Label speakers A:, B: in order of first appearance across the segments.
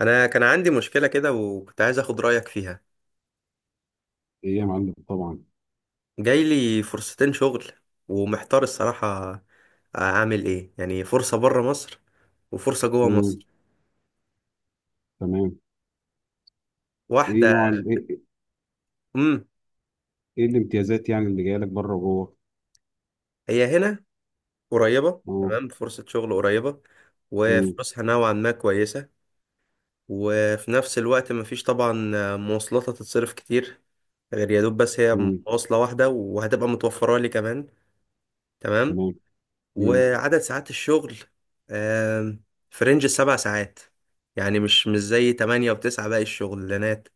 A: انا كان عندي مشكله كده وكنت عايز اخد رايك فيها.
B: ايه يا معلم، طبعا.
A: جاي لي فرصتين شغل، ومحتار الصراحه. اعمل ايه؟ يعني فرصه بره مصر وفرصه جوه
B: مم.
A: مصر.
B: تمام. ايه
A: واحده،
B: نوع ال- ايه ايه
A: امم
B: إيه الامتيازات، يعني اللي جايه لك بره وجوه؟
A: هي هنا قريبه.
B: اه.
A: تمام، فرصه شغل قريبه
B: مم.
A: وفلوسها نوعا ما كويسه. وفي نفس الوقت مفيش طبعا مواصلات هتتصرف كتير، غير يا دوب بس هي
B: مم.
A: مواصله واحده وهتبقى متوفره لي كمان. تمام.
B: تمام. مم.
A: وعدد ساعات الشغل، آم، في رينج السبع ساعات، يعني مش زي تمانية وتسعة باقي الشغلانات.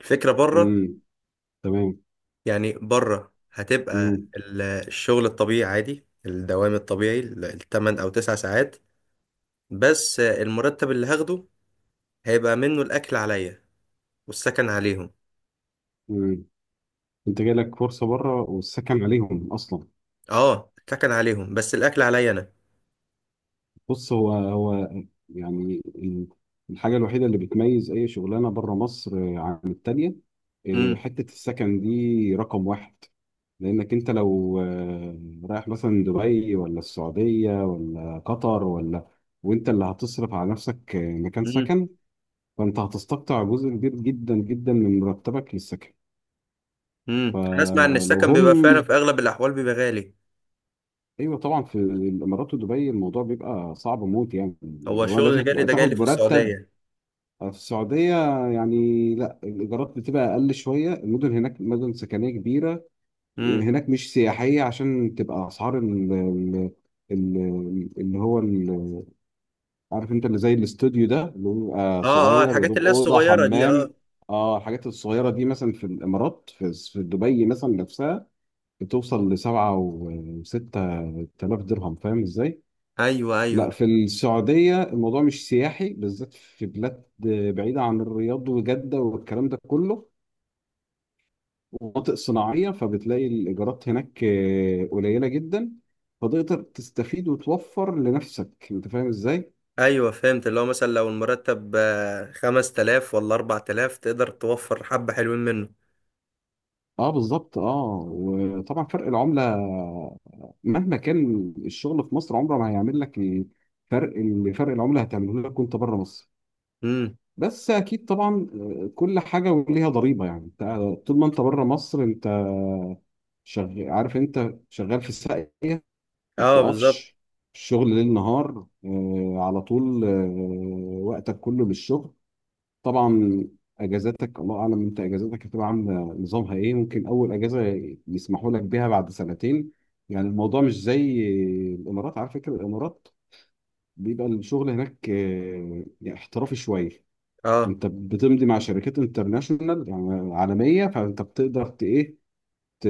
A: الفكرة بره،
B: مم. تمام.
A: يعني بره هتبقى
B: مم.
A: الشغل الطبيعي، عادي، الدوام الطبيعي التمن أو تسع ساعات. بس المرتب اللي هاخده هيبقى منه الأكل عليا، والسكن عليهم.
B: مم. انت جاي لك فرصه بره والسكن عليهم اصلا؟
A: اه، السكن عليهم بس الأكل عليا أنا.
B: بص، هو يعني الحاجة الوحيدة اللي بتميز أي شغلانة بره مصر عن التانية،
A: امم
B: حتة السكن دي رقم واحد. لأنك أنت لو رايح مثلا دبي ولا السعودية ولا قطر ولا، وأنت اللي هتصرف على نفسك مكان
A: امم
B: سكن، فأنت هتستقطع جزء كبير جدا جدا من مرتبك للسكن.
A: أنا أسمع إن
B: فلو
A: السكن
B: هم،
A: بيبقى فعلا في أغلب الأحوال بيبقى غالي.
B: ايوه طبعا في الامارات ودبي الموضوع بيبقى صعب موت، يعني
A: هو
B: اللي هو
A: الشغل
B: لازم
A: اللي جالي
B: تبقى
A: ده جالي
B: تاخد
A: في
B: مرتب.
A: السعودية.
B: في السعودية، يعني لا، الإيجارات بتبقى أقل شوية. المدن هناك مدن سكنية كبيرة، هناك مش سياحية عشان تبقى أسعار ال- اللي هو ال- عارف أنت اللي زي الاستوديو ده اللي هو بيبقى
A: اه، اه
B: صغير يا
A: الحاجات
B: دوب
A: اللي هي
B: أوضة
A: الصغيرة دي، اه.
B: حمام. اه، الحاجات الصغيرة دي مثلا في الإمارات، في دبي مثلا نفسها بتوصل ل6 أو 7 آلاف درهم، فاهم إزاي؟
A: ايوه،
B: لا،
A: ايوه،
B: في السعودية الموضوع مش سياحي، بالذات في بلاد بعيدة عن الرياض وجدة والكلام ده كله، ومناطق صناعية، فبتلاقي الإيجارات هناك قليلة جدا. فتقدر تستفيد وتوفر لنفسك. أنت فاهم إزاي؟
A: ايوه فهمت. اللي هو مثلا لو المرتب 5000 ولا 4000، تقدر توفر حبة حلوين منه.
B: اه، بالظبط. اه، وطبعا فرق العملة مهما كان الشغل في مصر عمره ما هيعمل لك الفرق اللي فرق العملة هتعمله لك وانت بره مصر.
A: امم،
B: بس اكيد طبعا، كل حاجة وليها ضريبة، يعني طول ما انت بره مصر، انت شغال. عارف انت شغال في الساقية، ما
A: اه بالظبط،
B: بتقفش. الشغل ليل نهار، على طول، وقتك كله للشغل، طبعا. اجازاتك الله اعلم، انت اجازاتك هتبقى عامله نظامها ايه. ممكن اول اجازه يسمحوا لك بيها بعد سنتين. يعني الموضوع مش زي الامارات. على فكره الامارات بيبقى الشغل هناك يعني احترافي شويه.
A: اه،
B: انت بتمضي مع شركات انترناشونال، يعني عالميه، فانت بتقدر ت-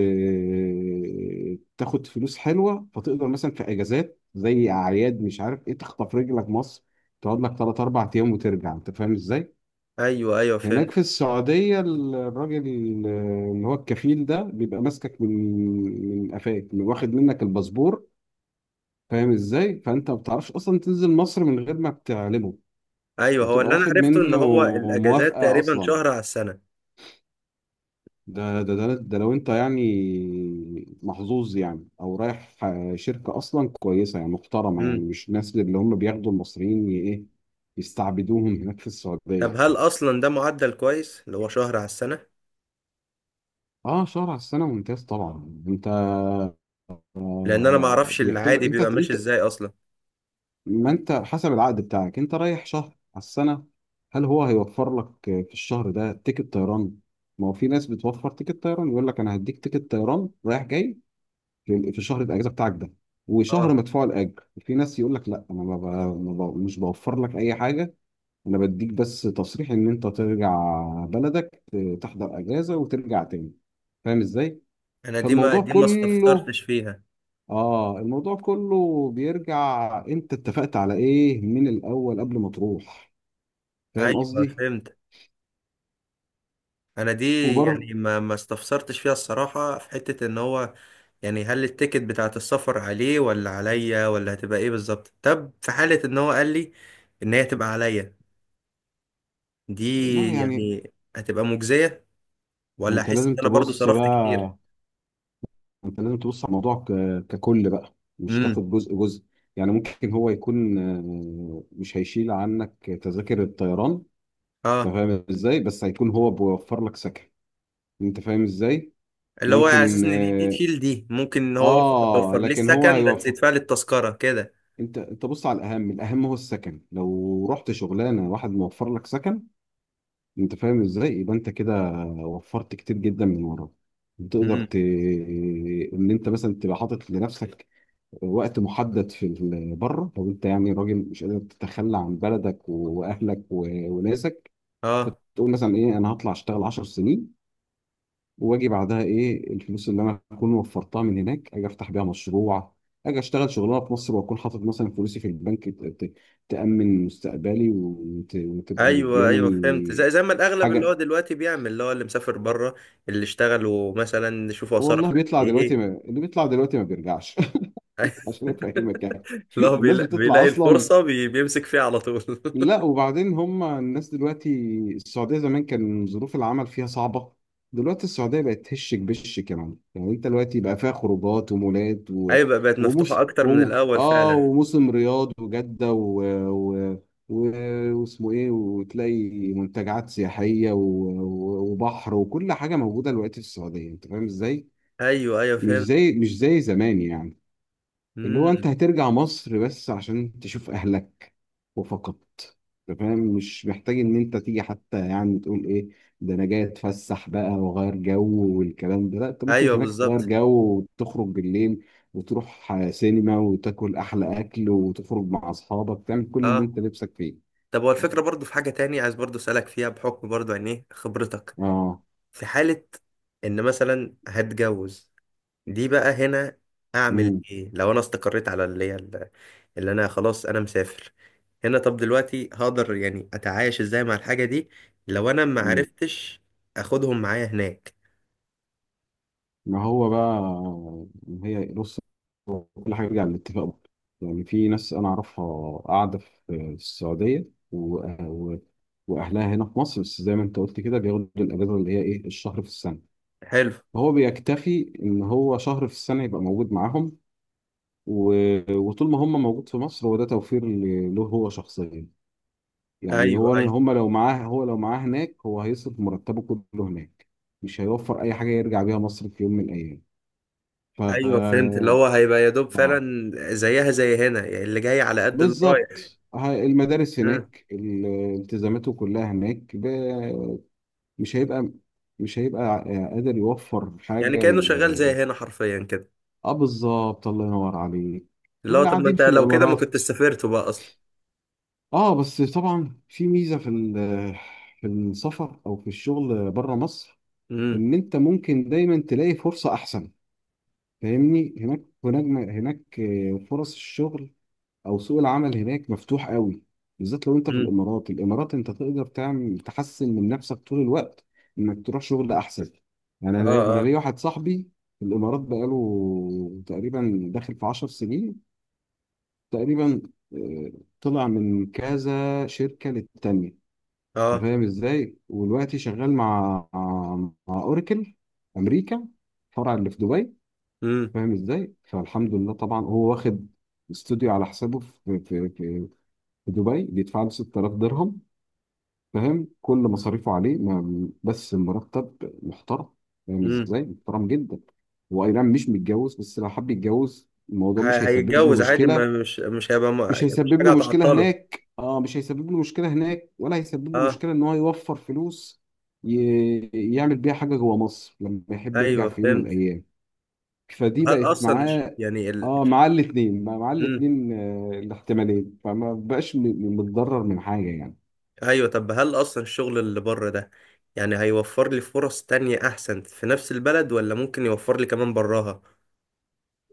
B: تاخد فلوس حلوه. فتقدر مثلا في اجازات زي اعياد، مش عارف ايه، تخطف رجلك مصر، تقعد لك 3 أو 4 ايام وترجع. انت فاهم ازاي؟
A: ايوه ايوه
B: هناك
A: فهمت.
B: في السعوديه الراجل اللي هو الكفيل ده بيبقى ماسكك من قفاك، واخد منك الباسبور. فاهم ازاي؟ فانت ما بتعرفش اصلا تنزل مصر من غير ما بتعلمه.
A: ايوه، هو
B: بتبقى
A: اللي انا
B: واخد
A: عرفته ان
B: منه
A: هو الاجازات
B: موافقه
A: تقريبا
B: اصلا.
A: شهر على السنة.
B: ده لو انت يعني محظوظ، يعني او رايح شركه اصلا كويسه، يعني محترمه، يعني
A: امم.
B: مش الناس اللي هم بياخدوا المصريين ي- ايه يستعبدوهم هناك في
A: طب
B: السعوديه.
A: هل اصلا ده معدل كويس اللي هو شهر على السنة؟
B: اه، شهر على السنه ممتاز، طبعا. انت
A: لان انا ما اعرفش
B: بيعتبرك
A: العادي
B: انت
A: بيبقى ماشي
B: انت
A: ازاي اصلا.
B: ما انت حسب العقد بتاعك انت رايح شهر على السنه. هل هو هيوفر لك في الشهر ده تيكت طيران؟ ما هو في ناس بتوفر تيكت طيران، يقول لك انا هديك تيكت طيران رايح جاي في شهر الاجازه بتاعك ده،
A: اه.
B: وشهر مدفوع الاجر. في ناس يقول لك لا، انا ما ب... مش بوفر لك اي حاجه. انا بديك بس تصريح ان انت ترجع بلدك، تحضر اجازه وترجع تاني، فاهم ازاي؟
A: انا دي ما
B: فالموضوع
A: دي ما
B: كله
A: استفسرتش فيها.
B: اه الموضوع كله بيرجع، انت اتفقت على ايه من الاول قبل ما تروح؟ فاهم
A: ايوه
B: قصدي؟
A: فهمت. انا دي
B: وبرضه،
A: يعني ما استفسرتش فيها الصراحه، في حته ان هو يعني هل التيكت بتاعه السفر عليه ولا عليا ولا هتبقى ايه بالظبط؟ طب في حاله ان هو قال لي ان هي تبقى عليا، دي
B: والله يعني،
A: يعني هتبقى مجزيه،
B: ما
A: ولا
B: انت
A: احس ان
B: لازم
A: انا برضو
B: تبص
A: صرفت كتير؟
B: بقى. انت لازم تبص على الموضوع ككل بقى، مش
A: امم،
B: تاخد جزء جزء. يعني ممكن هو يكون مش هيشيل عنك تذاكر الطيران، انت
A: اه.
B: فاهم ازاي؟ بس هيكون هو بيوفر لك سكن، انت فاهم ازاي؟
A: اللي هو على اساس
B: ممكن،
A: ان دي
B: اه.
A: تشيل، دي ممكن ان هو مثلا يوفر لي
B: لكن هو
A: السكن بس
B: هيوفر.
A: يدفع لي التذكره كده.
B: انت بص على الاهم. الاهم هو السكن. لو رحت شغلانه واحد موفر لك سكن، انت فاهم ازاي؟ يبقى انت كده وفرت كتير جدا من وراك. تقدر
A: امم،
B: ان انت مثلا تبقى حاطط لنفسك وقت محدد في بره. لو انت يعني راجل مش قادر تتخلى عن بلدك واهلك وناسك،
A: اه،
B: تقول مثلا ايه، انا هطلع اشتغل 10 سنين واجي بعدها. ايه الفلوس اللي انا اكون وفرتها من هناك، اجي افتح بيها مشروع، اجي اشتغل شغلانه في مصر واكون حاطط مثلا فلوسي في البنك، تامن مستقبلي، وتبقى
A: ايوه ايوه فهمت. زي
B: مدياني
A: زي ما الاغلب اللي هو
B: حاجه.
A: دلوقتي بيعمل، اللي هو اللي مسافر بره. اللي اشتغلوا مثلا يشوفوا صرف قد
B: والله بيطلع دلوقتي ما...
A: ايه.
B: اللي بيطلع دلوقتي ما بيرجعش عشان افهمك، يعني.
A: لا، هو
B: الناس بتطلع
A: بيلاقي
B: اصلا.
A: الفرصه بيمسك فيها على طول.
B: لا، وبعدين هم الناس دلوقتي. السعودية زمان كان ظروف العمل فيها صعبة. دلوقتي السعودية بقت هشك بش كمان. يعني انت دلوقتي بقى فيها خروجات ومولات و...
A: ايوه، بقى بقت مفتوحه
B: وموس
A: اكتر من
B: و...
A: الاول
B: اه
A: فعلا.
B: وموسم رياض وجدة و... و... واسمه ايه، وتلاقي منتجعات سياحية وبحر وكل حاجة موجودة دلوقتي في السعودية، انت فاهم ازاي؟
A: ايوه ايوه
B: مش
A: فهمت.
B: زي مش زي زمان، يعني. اللي هو
A: امم.
B: انت هترجع مصر بس عشان تشوف اهلك وفقط، فاهم. مش محتاج ان انت تيجي حتى، يعني تقول ايه، ده انا جاي اتفسح بقى واغير جو والكلام ده. لا، انت ممكن
A: ايوه
B: هناك تغير
A: بالظبط،
B: جو وتخرج بالليل وتروح سينما وتاكل احلى اكل وتخرج مع اصحابك، تعمل كل اللي
A: اه.
B: انت نفسك فيه.
A: طب هو الفكره برضو، في حاجه تاني عايز برضو اسالك فيها بحكم برضو عن ايه خبرتك.
B: اه.
A: في حاله ان مثلا هتجوز، دي بقى هنا، اعمل
B: امم
A: ايه لو انا استقريت على اللي هي اللي انا خلاص انا مسافر هنا؟ طب دلوقتي هقدر يعني اتعايش ازاي مع الحاجة دي لو انا ما عرفتش اخدهم معايا هناك؟
B: ما هو بقى، هي بص، هو كل حاجة بيرجع للاتفاق برضه. يعني في ناس أنا أعرفها قاعدة في السعودية، و... و... وأهلها هنا في مصر، بس زي ما أنت قلت كده، بياخدوا الأجازة اللي هي إيه، الشهر في السنة.
A: حلو.
B: فهو بيكتفي إن هو شهر في السنة يبقى موجود معاهم، و... وطول ما هم موجود في مصر، هو ده توفير له هو شخصيا. يعني
A: ايوه، ايوه،
B: هو لو معاه هناك، هو هيصرف مرتبه كله هناك. مش هيوفر أي حاجة يرجع بيها مصر في يوم من الأيام. ف
A: ايوه فهمت. اللي هو هيبقى يا دوب
B: اه
A: فعلا زيها زي هنا، يعني اللي جاي على قد اللي رايح.
B: بالظبط. المدارس
A: آه.
B: هناك التزاماته كلها هناك، مش هيبقى مش هيبقى قادر يوفر
A: يعني
B: حاجة
A: كأنه شغال زي هنا حرفيا كده.
B: اه، بالظبط، الله ينور عليك.
A: اللي هو
B: واللي
A: طب ما
B: قاعدين
A: انت
B: في
A: لو كده ما كنت
B: الإمارات،
A: سافرت بقى اصلا.
B: اه، بس طبعا في ميزة في في السفر أو في الشغل بره مصر،
A: امم.
B: إن أنت ممكن دايما تلاقي فرصة أحسن، فاهمني؟ هناك فرص الشغل، او سوق العمل هناك مفتوح قوي، بالذات لو انت في
A: امم.
B: الامارات. الامارات انت تقدر تعمل تحسن من نفسك طول الوقت، انك تروح شغل احسن. يعني
A: اه.
B: انا
A: اه.
B: ليا واحد صاحبي في الامارات بقاله تقريبا داخل في 10 سنين تقريبا. آه، طلع من كذا شركة للتانية، انت
A: اه.
B: فاهم ازاي؟ ودلوقتي شغال مع اوراكل امريكا، فرع اللي في دبي،
A: امم.
B: فاهم ازاي؟ فالحمد لله طبعا، هو واخد استوديو على حسابه في دبي، بيدفع له 6000 درهم، فاهم؟ كل مصاريفه عليه، بس مرتب محترم، فاهم
A: امم.
B: ازاي؟ محترم جدا. هو اي نعم مش متجوز، بس لو حب يتجوز الموضوع مش هيسبب له
A: هيتجوز عادي، ما
B: مشكله.
A: مش هيبقى
B: مش
A: يعني مش
B: هيسبب
A: حاجة
B: له مشكله
A: هتعطله.
B: هناك. اه، مش هيسبب له مشكله هناك، ولا هيسبب له
A: اه،
B: مشكله ان هو يوفر فلوس ي... يعمل بيها حاجه جوه مصر لما يحب يرجع
A: ايوه
B: في يوم من
A: فهمت.
B: الايام. فدي
A: هل
B: بقت
A: اصلا
B: معاه،
A: يعني ال...
B: اه. معاه الاثنين، معاه
A: مم.
B: الاثنين، الاحتمالين، فما بقاش متضرر من حاجه، يعني.
A: ايوه، طب هل اصلا الشغل اللي بره ده يعني هيوفر لي فرص تانية احسن في نفس البلد، ولا ممكن يوفر لي كمان براها؟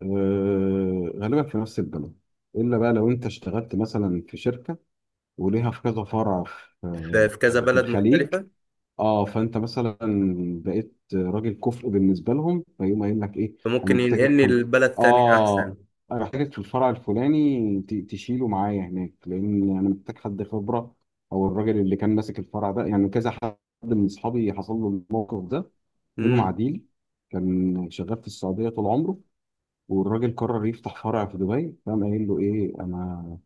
B: غالبا في نفس البلد. الا بقى لو انت اشتغلت مثلا في شركه وليها في كذا فرع في
A: في,
B: آه،
A: في كذا
B: في
A: بلد
B: الخليج.
A: مختلفة،
B: اه، فانت مثلا بقيت راجل كفء بالنسبه لهم، فيقوم قايل لك ايه، انا
A: فممكن
B: محتاجك في
A: ينقلني
B: ال-
A: لبلد تانية
B: اه
A: احسن.
B: انا محتاجك في الفرع الفلاني، تشيله معايا هناك لان انا محتاج حد خبره، او الراجل اللي كان ماسك الفرع ده. يعني كذا حد من اصحابي حصل له الموقف ده، منهم
A: امم.
B: عديل كان شغال في السعوديه طول عمره، والراجل قرر يفتح فرع في دبي، فقام قايل له ايه، انا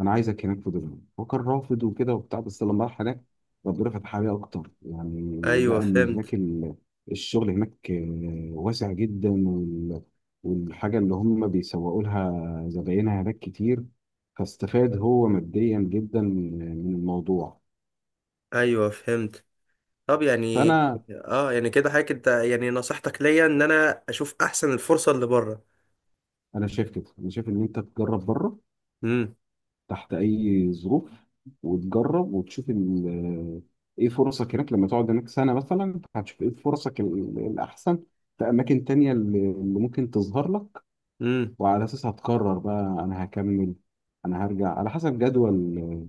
B: انا عايزك هناك في دبي. هو كان رافض وكده وبتاع، بس لما راح هناك ربنا فتح عليه اكتر يعني.
A: ايوه
B: لقى ان هناك
A: فهمت.
B: الشغل هناك واسع جدا، والحاجه اللي هم بيسوقوا لها زباينها هناك كتير، فاستفاد هو ماديا جدا من الموضوع.
A: ايوه فهمت. طب يعني،
B: فانا
A: اه يعني كده حضرتك انت يعني نصيحتك ليا ان انا اشوف احسن الفرصة اللي بره.
B: انا شايف كده انا شايف ان انت تجرب بره، تحت اي ظروف. وتجرب وتشوف ال- ايه فرصك هناك، لما تقعد هناك سنه مثلا هتشوف ايه فرصك الاحسن في اماكن تانية اللي ممكن تظهر لك.
A: امم.
B: وعلى اساسها هتقرر بقى، انا هكمل انا هرجع، على حسب جدول ال-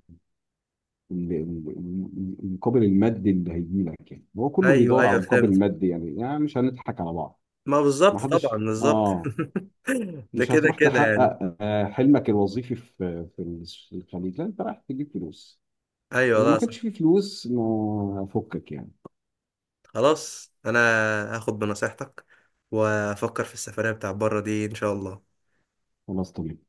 B: ال- ال- المقابل المادي اللي هيجي لك. يعني هو كله
A: ايوه
B: بيدور على
A: ايوه فهمت.
B: مقابل مادي، يعني مش هنضحك على بعض.
A: ما
B: ما
A: بالظبط، طبعا
B: حدش.
A: بالظبط.
B: اه،
A: ده
B: مش
A: كده
B: هتروح
A: كده يعني.
B: تحقق حلمك الوظيفي في الخليج. لا، انت رايح تجيب فلوس،
A: ايوه،
B: لما
A: لا
B: كانش فيه
A: صح.
B: فلوس ما فكك يعني.
A: خلاص، انا هاخد بنصيحتك، وافكر في السفرية بتاع بره دي ان شاء الله.
B: خلاص، طبيعي.